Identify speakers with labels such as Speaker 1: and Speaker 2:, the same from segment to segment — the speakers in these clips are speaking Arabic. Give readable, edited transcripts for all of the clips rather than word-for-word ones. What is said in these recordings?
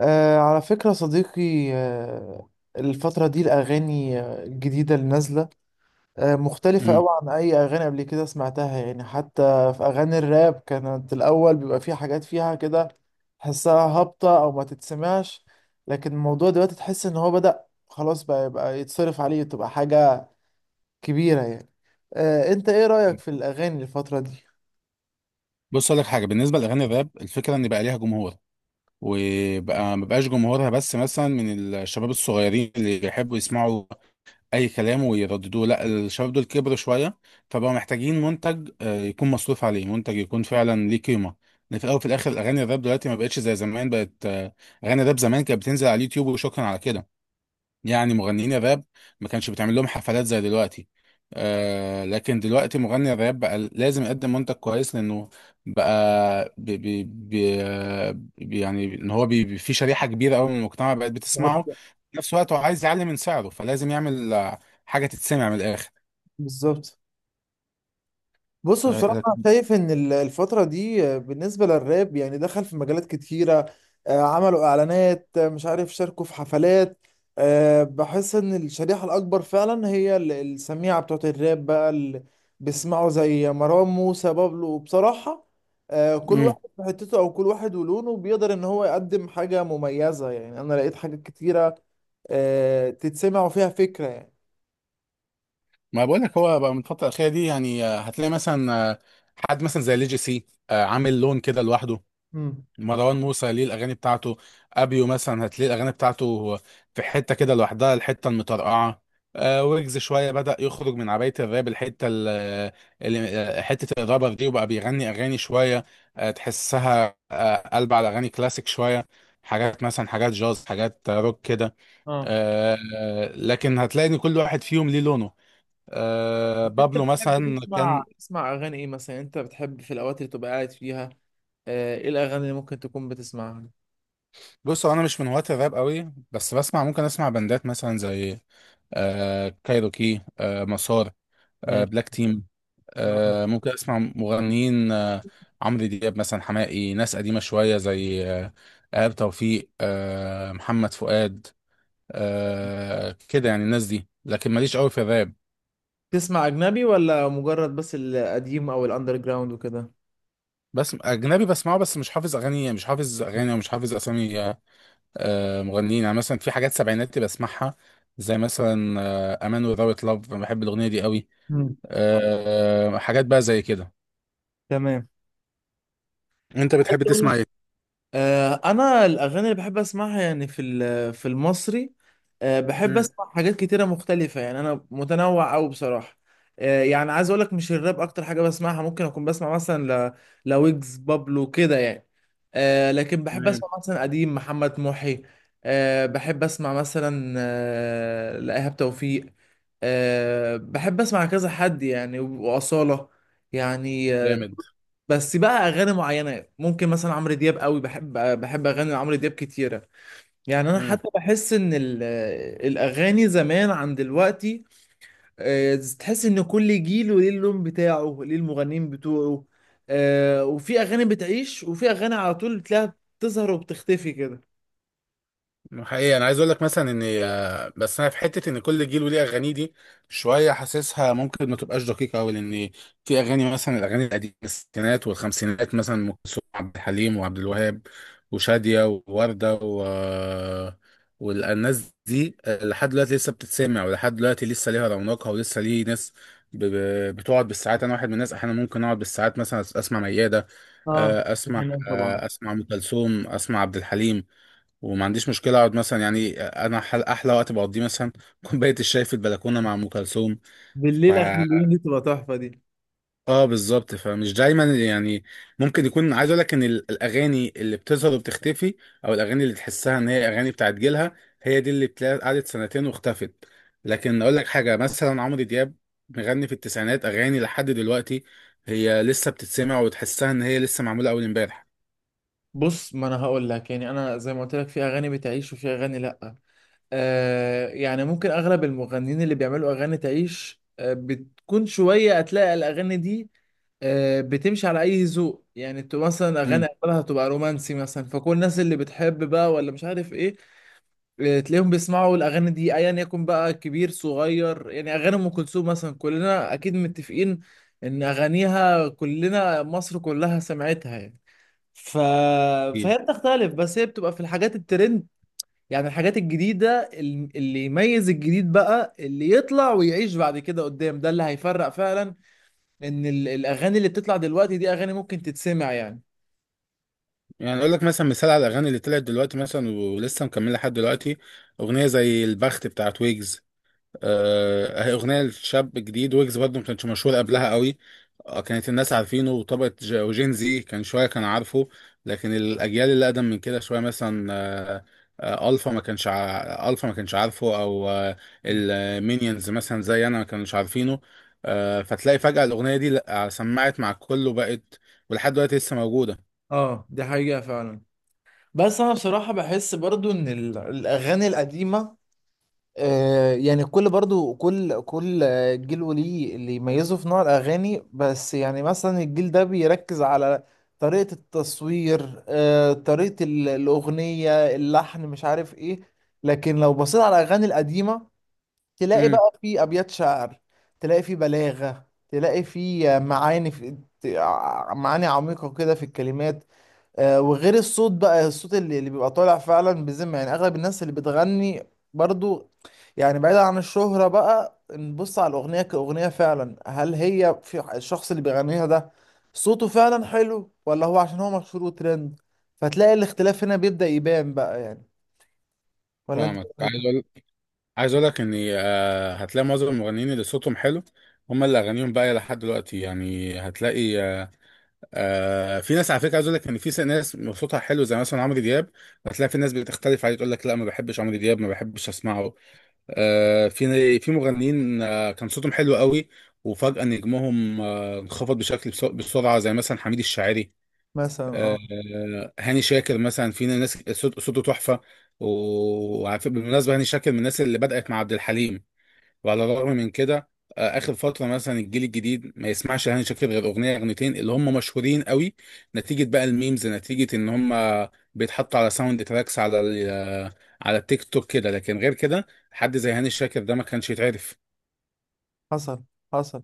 Speaker 1: على فكرة صديقي. الفترة دي الأغاني، الجديدة اللي نازلة. مختلفة أوي
Speaker 2: مم.
Speaker 1: عن أي أغاني قبل كده سمعتها يعني، حتى في أغاني الراب كانت الأول بيبقى فيه حاجات فيها كده تحسها هابطة أو ما تتسمعش. لكن الموضوع دلوقتي تحس إن هو بدأ خلاص بقى يبقى يتصرف عليه، تبقى حاجة كبيرة يعني. أنت إيه رأيك في الأغاني الفترة دي؟
Speaker 2: بص اقول لك حاجه بالنسبه لاغاني الراب، الفكره ان بقى ليها جمهور، وبقى ما بقاش جمهورها بس مثلا من الشباب الصغيرين اللي يحبوا يسمعوا اي كلام ويرددوه. لا، الشباب دول كبروا شويه، فبقوا محتاجين منتج يكون مصروف عليه، منتج يكون فعلا ليه قيمه. لأن في الاول وفي الاخر، اغاني الراب دلوقتي ما بقتش زي زمان، بقت اغاني الراب زمان كانت بتنزل على اليوتيوب وشكرا على كده، يعني مغنيين الراب ما كانش بتعمل لهم حفلات زي دلوقتي. لكن دلوقتي مغني الراب بقى لازم يقدم منتج كويس، لانه بقى يعني ان هو في شريحة كبيرة قوي من المجتمع بقت
Speaker 1: بالظبط.
Speaker 2: بتسمعه. في نفس الوقت هو عايز يعلي من سعره، فلازم يعمل حاجة تتسمع من الآخر.
Speaker 1: بالظبط. بص، بصراحة شايف إن الفترة دي، بالنسبة للراب يعني دخل في مجالات كتيرة، عملوا إعلانات، مش عارف، شاركوا في حفلات. بحس إن الشريحة الأكبر فعلا هي السميعة بتوعت الراب بقى، اللي بيسمعوا زي مروان موسى بابلو. وبصراحة، كل
Speaker 2: امم
Speaker 1: واحد في حتته أو كل واحد ولونه بيقدر إن هو يقدم حاجة مميزة، يعني أنا لقيت حاجات كتيرة، تتسمع وفيها فكرة يعني.
Speaker 2: ما بقول لك، هو بقى من الفترة الأخيرة دي، يعني هتلاقي مثلا حد مثلا زي ليجي سي عامل لون كده لوحده.
Speaker 1: امم.
Speaker 2: مروان موسى ليه الاغاني بتاعته، ابيو مثلا هتلاقي الاغاني بتاعته في حته كده لوحدها، الحته المطرقعه. ويجز شويه بدا يخرج من عبايه الراب، الحته اللي حته الرابر دي، وبقى بيغني اغاني شويه تحسها قلب على اغاني كلاسيك شويه، حاجات مثلا، حاجات جاز، حاجات روك كده.
Speaker 1: اه،
Speaker 2: لكن هتلاقي ان كل واحد فيهم ليه لونه.
Speaker 1: انت
Speaker 2: بابلو
Speaker 1: بتحب
Speaker 2: مثلا
Speaker 1: تسمع
Speaker 2: كان.
Speaker 1: تسمع اغاني ايه مثلا؟ انت بتحب في الاوقات اللي تبقى قاعد فيها، ايه الاغاني اللي ممكن تكون بتسمعها؟
Speaker 2: بصوا، انا مش من هواة الراب قوي، بس بسمع، ممكن اسمع بندات مثلا زي كايروكي، مسار،
Speaker 1: ماشي.
Speaker 2: بلاك تيم.
Speaker 1: آه.
Speaker 2: ممكن اسمع مغنيين عمرو دياب مثلا، حماقي، ناس قديمه شويه زي ايهاب توفيق، محمد فؤاد، كده يعني الناس دي، لكن ماليش قوي في الراب.
Speaker 1: تسمع اجنبي ولا مجرد بس القديم او الاندر جراوند وكده؟
Speaker 2: بس اجنبي بسمعه، بس مش حافظ اغاني، ومش حافظ اسامي مغنيين، يعني مثلا في حاجات سبعيناتي بسمعها، زي مثلا امان وذاوت لاف، بحب الاغنيه دي قوي.
Speaker 1: مم.
Speaker 2: حاجات بقى زي كده.
Speaker 1: تمام.
Speaker 2: انت
Speaker 1: عايز
Speaker 2: بتحب
Speaker 1: اقول لك
Speaker 2: تسمع
Speaker 1: آه، انا الاغاني اللي بحب اسمعها يعني في في المصري، بحب
Speaker 2: ايه؟
Speaker 1: اسمع حاجات كتيره مختلفه يعني، انا متنوع قوي بصراحه. يعني عايز اقول لك مش الراب اكتر حاجه بسمعها، ممكن اكون بسمع مثلا لويجز، بابلو كده يعني. لكن بحب
Speaker 2: تمام.
Speaker 1: اسمع مثلا قديم محمد محي، بحب اسمع مثلا لإيهاب توفيق، بحب اسمع كذا حد يعني، واصاله يعني.
Speaker 2: جامد.
Speaker 1: بس بقى اغاني معينه، ممكن مثلا عمرو دياب قوي بحب، اغاني عمرو دياب كتيره. يعني انا
Speaker 2: مم.
Speaker 1: حتى بحس ان الاغاني زمان عن دلوقتي، تحس ان كل جيل وليه اللون بتاعه، ليه المغنيين بتوعه، وفي اغاني بتعيش وفي اغاني على طول بتلاقيها بتظهر وبتختفي كده.
Speaker 2: حقيقي انا عايز اقول لك مثلا ان بس انا في حته ان كل جيل وليه اغانيه دي، شويه حاسسها ممكن ما تبقاش دقيقه قوي. لان في اغاني مثلا، الاغاني القديمه الستينات والخمسينات مثلا، ام كلثوم وعبد الحليم وعبد الوهاب وشاديه وورده و والناس دي لحد دلوقتي لسه بتتسمع، ولحد دلوقتي لسه ليها رونقها، ولسه ليه ناس بتقعد بالساعات. انا واحد من الناس احيانا ممكن اقعد بالساعات مثلا اسمع مياده
Speaker 1: اه، دي
Speaker 2: اسمع
Speaker 1: حقيقة طبعا.
Speaker 2: اسمع ام كلثوم، اسمع عبد الحليم، وما عنديش مشكله اقعد مثلا، يعني انا احلى وقت بقضيه مثلا كوبايه الشاي في البلكونه مع ام كلثوم. ف
Speaker 1: بالليل اخر اليوم، دي تبقى تحفه دي.
Speaker 2: اه، بالظبط، فمش دايما يعني، ممكن يكون عايز اقول لك ان الاغاني اللي بتظهر وبتختفي، او الاغاني اللي تحسها ان هي اغاني بتاعت جيلها، هي دي اللي بتلاقي قعدت سنتين واختفت. لكن اقول لك حاجه، مثلا عمرو دياب مغني في التسعينات، اغاني لحد دلوقتي هي لسه بتتسمع، وتحسها ان هي لسه معموله اول امبارح.
Speaker 1: بص، ما انا هقول لك يعني انا زي ما قلت لك، في اغاني بتعيش وفي اغاني لا. يعني ممكن اغلب المغنيين اللي بيعملوا اغاني تعيش بتكون شويه، هتلاقي الاغاني دي بتمشي على اي ذوق يعني، تبقى مثلا اغاني اغلبها تبقى رومانسي مثلا، فكل الناس اللي بتحب بقى ولا مش عارف ايه تلاقيهم بيسمعوا الاغاني دي ايا يكن بقى، كبير صغير. يعني اغاني ام كلثوم مثلا كلنا اكيد متفقين ان اغانيها، كلنا مصر كلها سمعتها يعني. ف...
Speaker 2: امم
Speaker 1: فهي بتختلف، بس هي بتبقى في الحاجات الترند. يعني الحاجات الجديدة اللي يميز الجديد بقى، اللي يطلع ويعيش بعد كده قدام، ده اللي هيفرق فعلا، ان الاغاني اللي بتطلع دلوقتي دي اغاني ممكن تتسمع يعني.
Speaker 2: يعني اقول لك مثلا مثال على الاغاني اللي طلعت دلوقتي مثلا ولسه مكمله لحد دلوقتي، اغنيه زي البخت بتاعت ويجز. هي اغنيه لشاب جديد، ويجز برضه ما كانش مشهور قبلها قوي. كانت الناس عارفينه وطبقه وجين زي كان شويه كان عارفه. لكن الاجيال اللي اقدم من كده شويه مثلا الفا ما كانش عارفه، او المينيونز مثلا زي انا ما كانوش عارفينه. فتلاقي فجاه الاغنيه دي، لأ، سمعت مع الكل وبقت، ولحد دلوقتي لسه موجوده.
Speaker 1: اه، دي حقيقة فعلا. بس انا بصراحة بحس برضو ان الاغاني القديمة، يعني كل برضو كل جيل وليه اللي يميزه في نوع الأغاني. بس يعني مثلا الجيل ده بيركز على طريقة التصوير، طريقة الأغنية، اللحن، مش عارف إيه. لكن لو بصيت على الأغاني القديمة تلاقي بقى في أبيات شعر، تلاقي في بلاغة، تلاقي في معاني، في معاني عميقة كده في الكلمات، وغير الصوت بقى، الصوت اللي بيبقى طالع فعلا بذمة. يعني اغلب الناس اللي بتغني برضو، يعني بعيدا عن الشهرة بقى، نبص على الأغنية كأغنية فعلا، هل هي في الشخص اللي بيغنيها ده صوته فعلا حلو، ولا هو عشان هو مشهور وترند؟ فتلاقي الاختلاف هنا بيبدأ يبان بقى يعني. ولا انت إيه
Speaker 2: فاهمك.
Speaker 1: رأيك؟
Speaker 2: عايز اقول لك ان هتلاقي معظم المغنيين اللي صوتهم حلو، هم اللي اغانيهم باقيه لحد دلوقتي، يعني هتلاقي في ناس، على فكره عايز اقول لك ان في ناس صوتها حلو زي مثلا عمرو دياب، هتلاقي في ناس بتختلف عليه تقول لك لا، ما بحبش عمرو دياب، ما بحبش اسمعه. في في مغنيين كان صوتهم حلو قوي، وفجاه نجمهم انخفض بشكل بسرعه، زي مثلا حميد الشاعري.
Speaker 1: مثلا اه.
Speaker 2: هاني شاكر مثلا، في ناس صوته تحفه. وعارف بالمناسبه هاني شاكر من الناس اللي بدات مع عبد الحليم، وعلى الرغم من كده اخر فتره مثلا الجيل الجديد ما يسمعش هاني شاكر غير اغنيه اغنيتين اللي هم مشهورين قوي، نتيجه بقى الميمز، نتيجه ان هم بيتحطوا على ساوند تراكس، على على التيك توك كده. لكن غير كده حد زي هاني شاكر ده ما كانش يتعرف.
Speaker 1: حصل. حصل.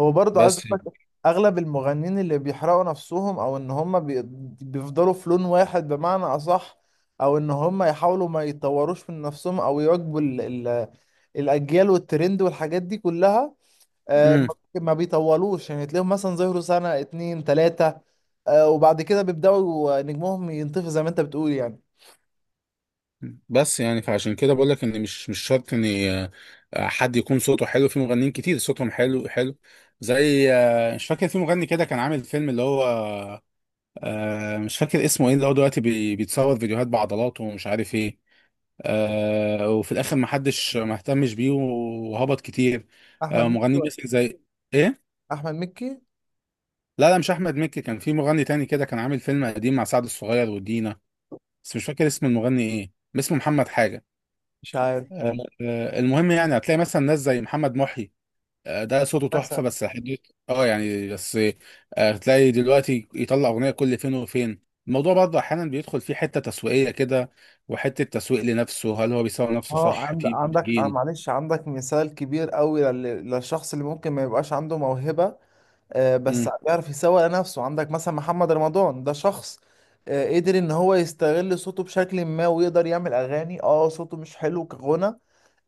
Speaker 1: هو برضه عايز
Speaker 2: بس
Speaker 1: اقول لك اغلب المغنيين اللي بيحرقوا نفسهم، او ان هم بيفضلوا في لون واحد بمعنى اصح، او ان هم يحاولوا ما يطوروش من نفسهم او يواكبوا ال- الاجيال والترند والحاجات دي كلها، آه، ما
Speaker 2: امم
Speaker 1: ما بيطولوش يعني. تلاقيهم مثلا ظهروا سنة اتنين تلاتة، وبعد كده بيبدأوا نجمهم ينطفي زي ما انت بتقول يعني.
Speaker 2: يعني، فعشان كده بقول لك ان مش شرط ان حد يكون صوته حلو، في مغنيين كتير صوتهم حلو حلو، زي مش فاكر، في مغني كده كان عامل فيلم اللي هو مش فاكر اسمه ايه، اللي هو دلوقتي بيتصور فيديوهات بعضلاته ومش عارف ايه وفي الاخر ما حدش ما اهتمش بيه، وهبط كتير.
Speaker 1: احمد مكي
Speaker 2: مغنيين
Speaker 1: ولا؟
Speaker 2: مثل زي ايه؟
Speaker 1: احمد مكي.
Speaker 2: لا لا، مش احمد مكي، كان في مغني تاني كده كان عامل فيلم قديم مع سعد الصغير ودينا، بس مش فاكر اسم المغني ايه، اسمه محمد حاجة.
Speaker 1: مش عارف.
Speaker 2: آه، المهم، يعني هتلاقي مثلا ناس زي محمد محي ده صوته تحفة
Speaker 1: مثلا
Speaker 2: بس حدود. اه يعني بس هتلاقي دلوقتي يطلع أغنية كل فين وفين، الموضوع برضه أحيانا بيدخل فيه حتة تسويقية كده، وحتة تسويق لنفسه. هل هو بيسوق نفسه
Speaker 1: اه.
Speaker 2: صح
Speaker 1: عند-
Speaker 2: في
Speaker 1: عندك
Speaker 2: منتجين؟
Speaker 1: معلش، عندك مثال كبير قوي للشخص اللي ممكن ما يبقاش عنده موهبة، بس
Speaker 2: امم
Speaker 1: بيعرف يسوق لنفسه. عندك مثلا محمد رمضان، ده شخص قدر ان هو يستغل صوته بشكل ما ويقدر يعمل اغاني. اه، صوته مش حلو كغنى،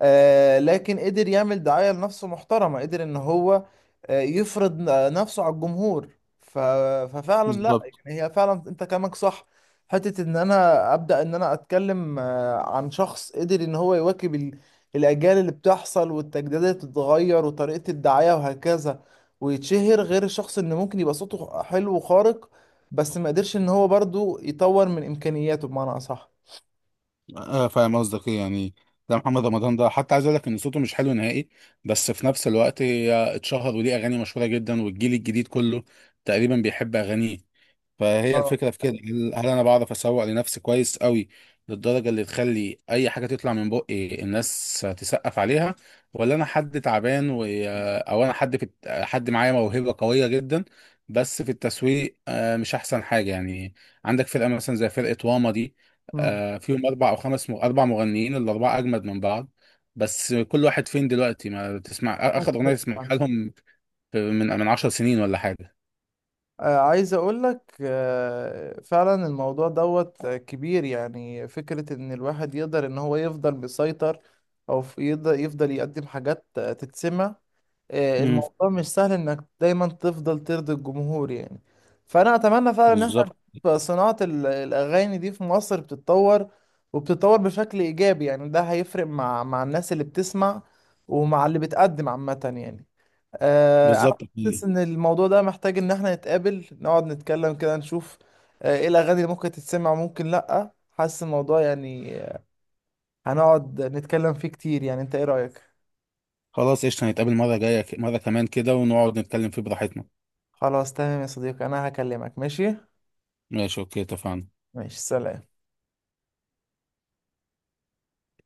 Speaker 1: لكن قدر يعمل دعاية لنفسه محترمة، قدر ان هو يفرض نفسه على الجمهور. ف... ففعلا لا،
Speaker 2: بالظبط.
Speaker 1: يعني هي فعلا انت كلامك صح. حتة ان انا ابدأ ان انا اتكلم عن شخص قدر ان هو يواكب الاجيال اللي بتحصل والتجديدات اللي بتتغير وطريقة الدعاية وهكذا، ويتشهر، غير الشخص اللي ممكن يبقى صوته حلو وخارق، بس ما قدرش ان هو برضو يطور من امكانياته بمعنى اصح.
Speaker 2: فاهم قصدك ايه يعني. ده محمد رمضان ده حتى عايز اقول لك ان صوته مش حلو نهائي، بس في نفس الوقت هي اتشهر وليه اغاني مشهوره جدا، والجيل الجديد كله تقريبا بيحب اغانيه. فهي
Speaker 1: اه.
Speaker 2: الفكرة في كده، هل انا بعرف اسوق لنفسي كويس قوي للدرجة اللي تخلي اي حاجة تطلع من بقي الناس تسقف عليها، ولا انا حد تعبان او انا حد في حد معايا موهبة قوية جدا بس في التسويق مش احسن حاجة يعني. عندك فرقة مثلا زي فرقة واما دي
Speaker 1: مم.
Speaker 2: فيهم اربع او خمس م... اربع مغنيين، الاربعة اجمد من بعض، بس كل واحد فين دلوقتي، ما تسمع اخر اغنية تسمعها لهم من 10 سنين ولا حاجة.
Speaker 1: عايز اقول لك، فعلا الموضوع دوت، كبير. يعني فكرة ان الواحد يقدر ان هو يفضل مسيطر، او يقدر يفضل يقدم حاجات، تتسمع.
Speaker 2: امم
Speaker 1: الموضوع مش سهل انك دايما تفضل ترضي الجمهور يعني. فانا اتمنى فعلا ان احنا
Speaker 2: بالظبط،
Speaker 1: نشوف صناعة الاغاني دي في مصر بتتطور، وبتتطور بشكل ايجابي يعني. ده هيفرق مع الناس اللي بتسمع ومع اللي بتقدم عامة يعني. انا
Speaker 2: بالظبط.
Speaker 1: حاسس ان الموضوع ده محتاج ان احنا نتقابل، نقعد نتكلم كده، نشوف، ايه الاغاني اللي ممكن تتسمع وممكن لا. حاسس الموضوع يعني، هنقعد نتكلم فيه كتير يعني. انت ايه رأيك؟
Speaker 2: خلاص، قشطة، نتقابل مرة جاية مرة كمان كده، ونقعد نتكلم فيه براحتنا.
Speaker 1: خلاص تمام يا صديقي، انا هكلمك، ماشي.
Speaker 2: ماشي، اوكي، اتفقنا.
Speaker 1: ماشي، سلام.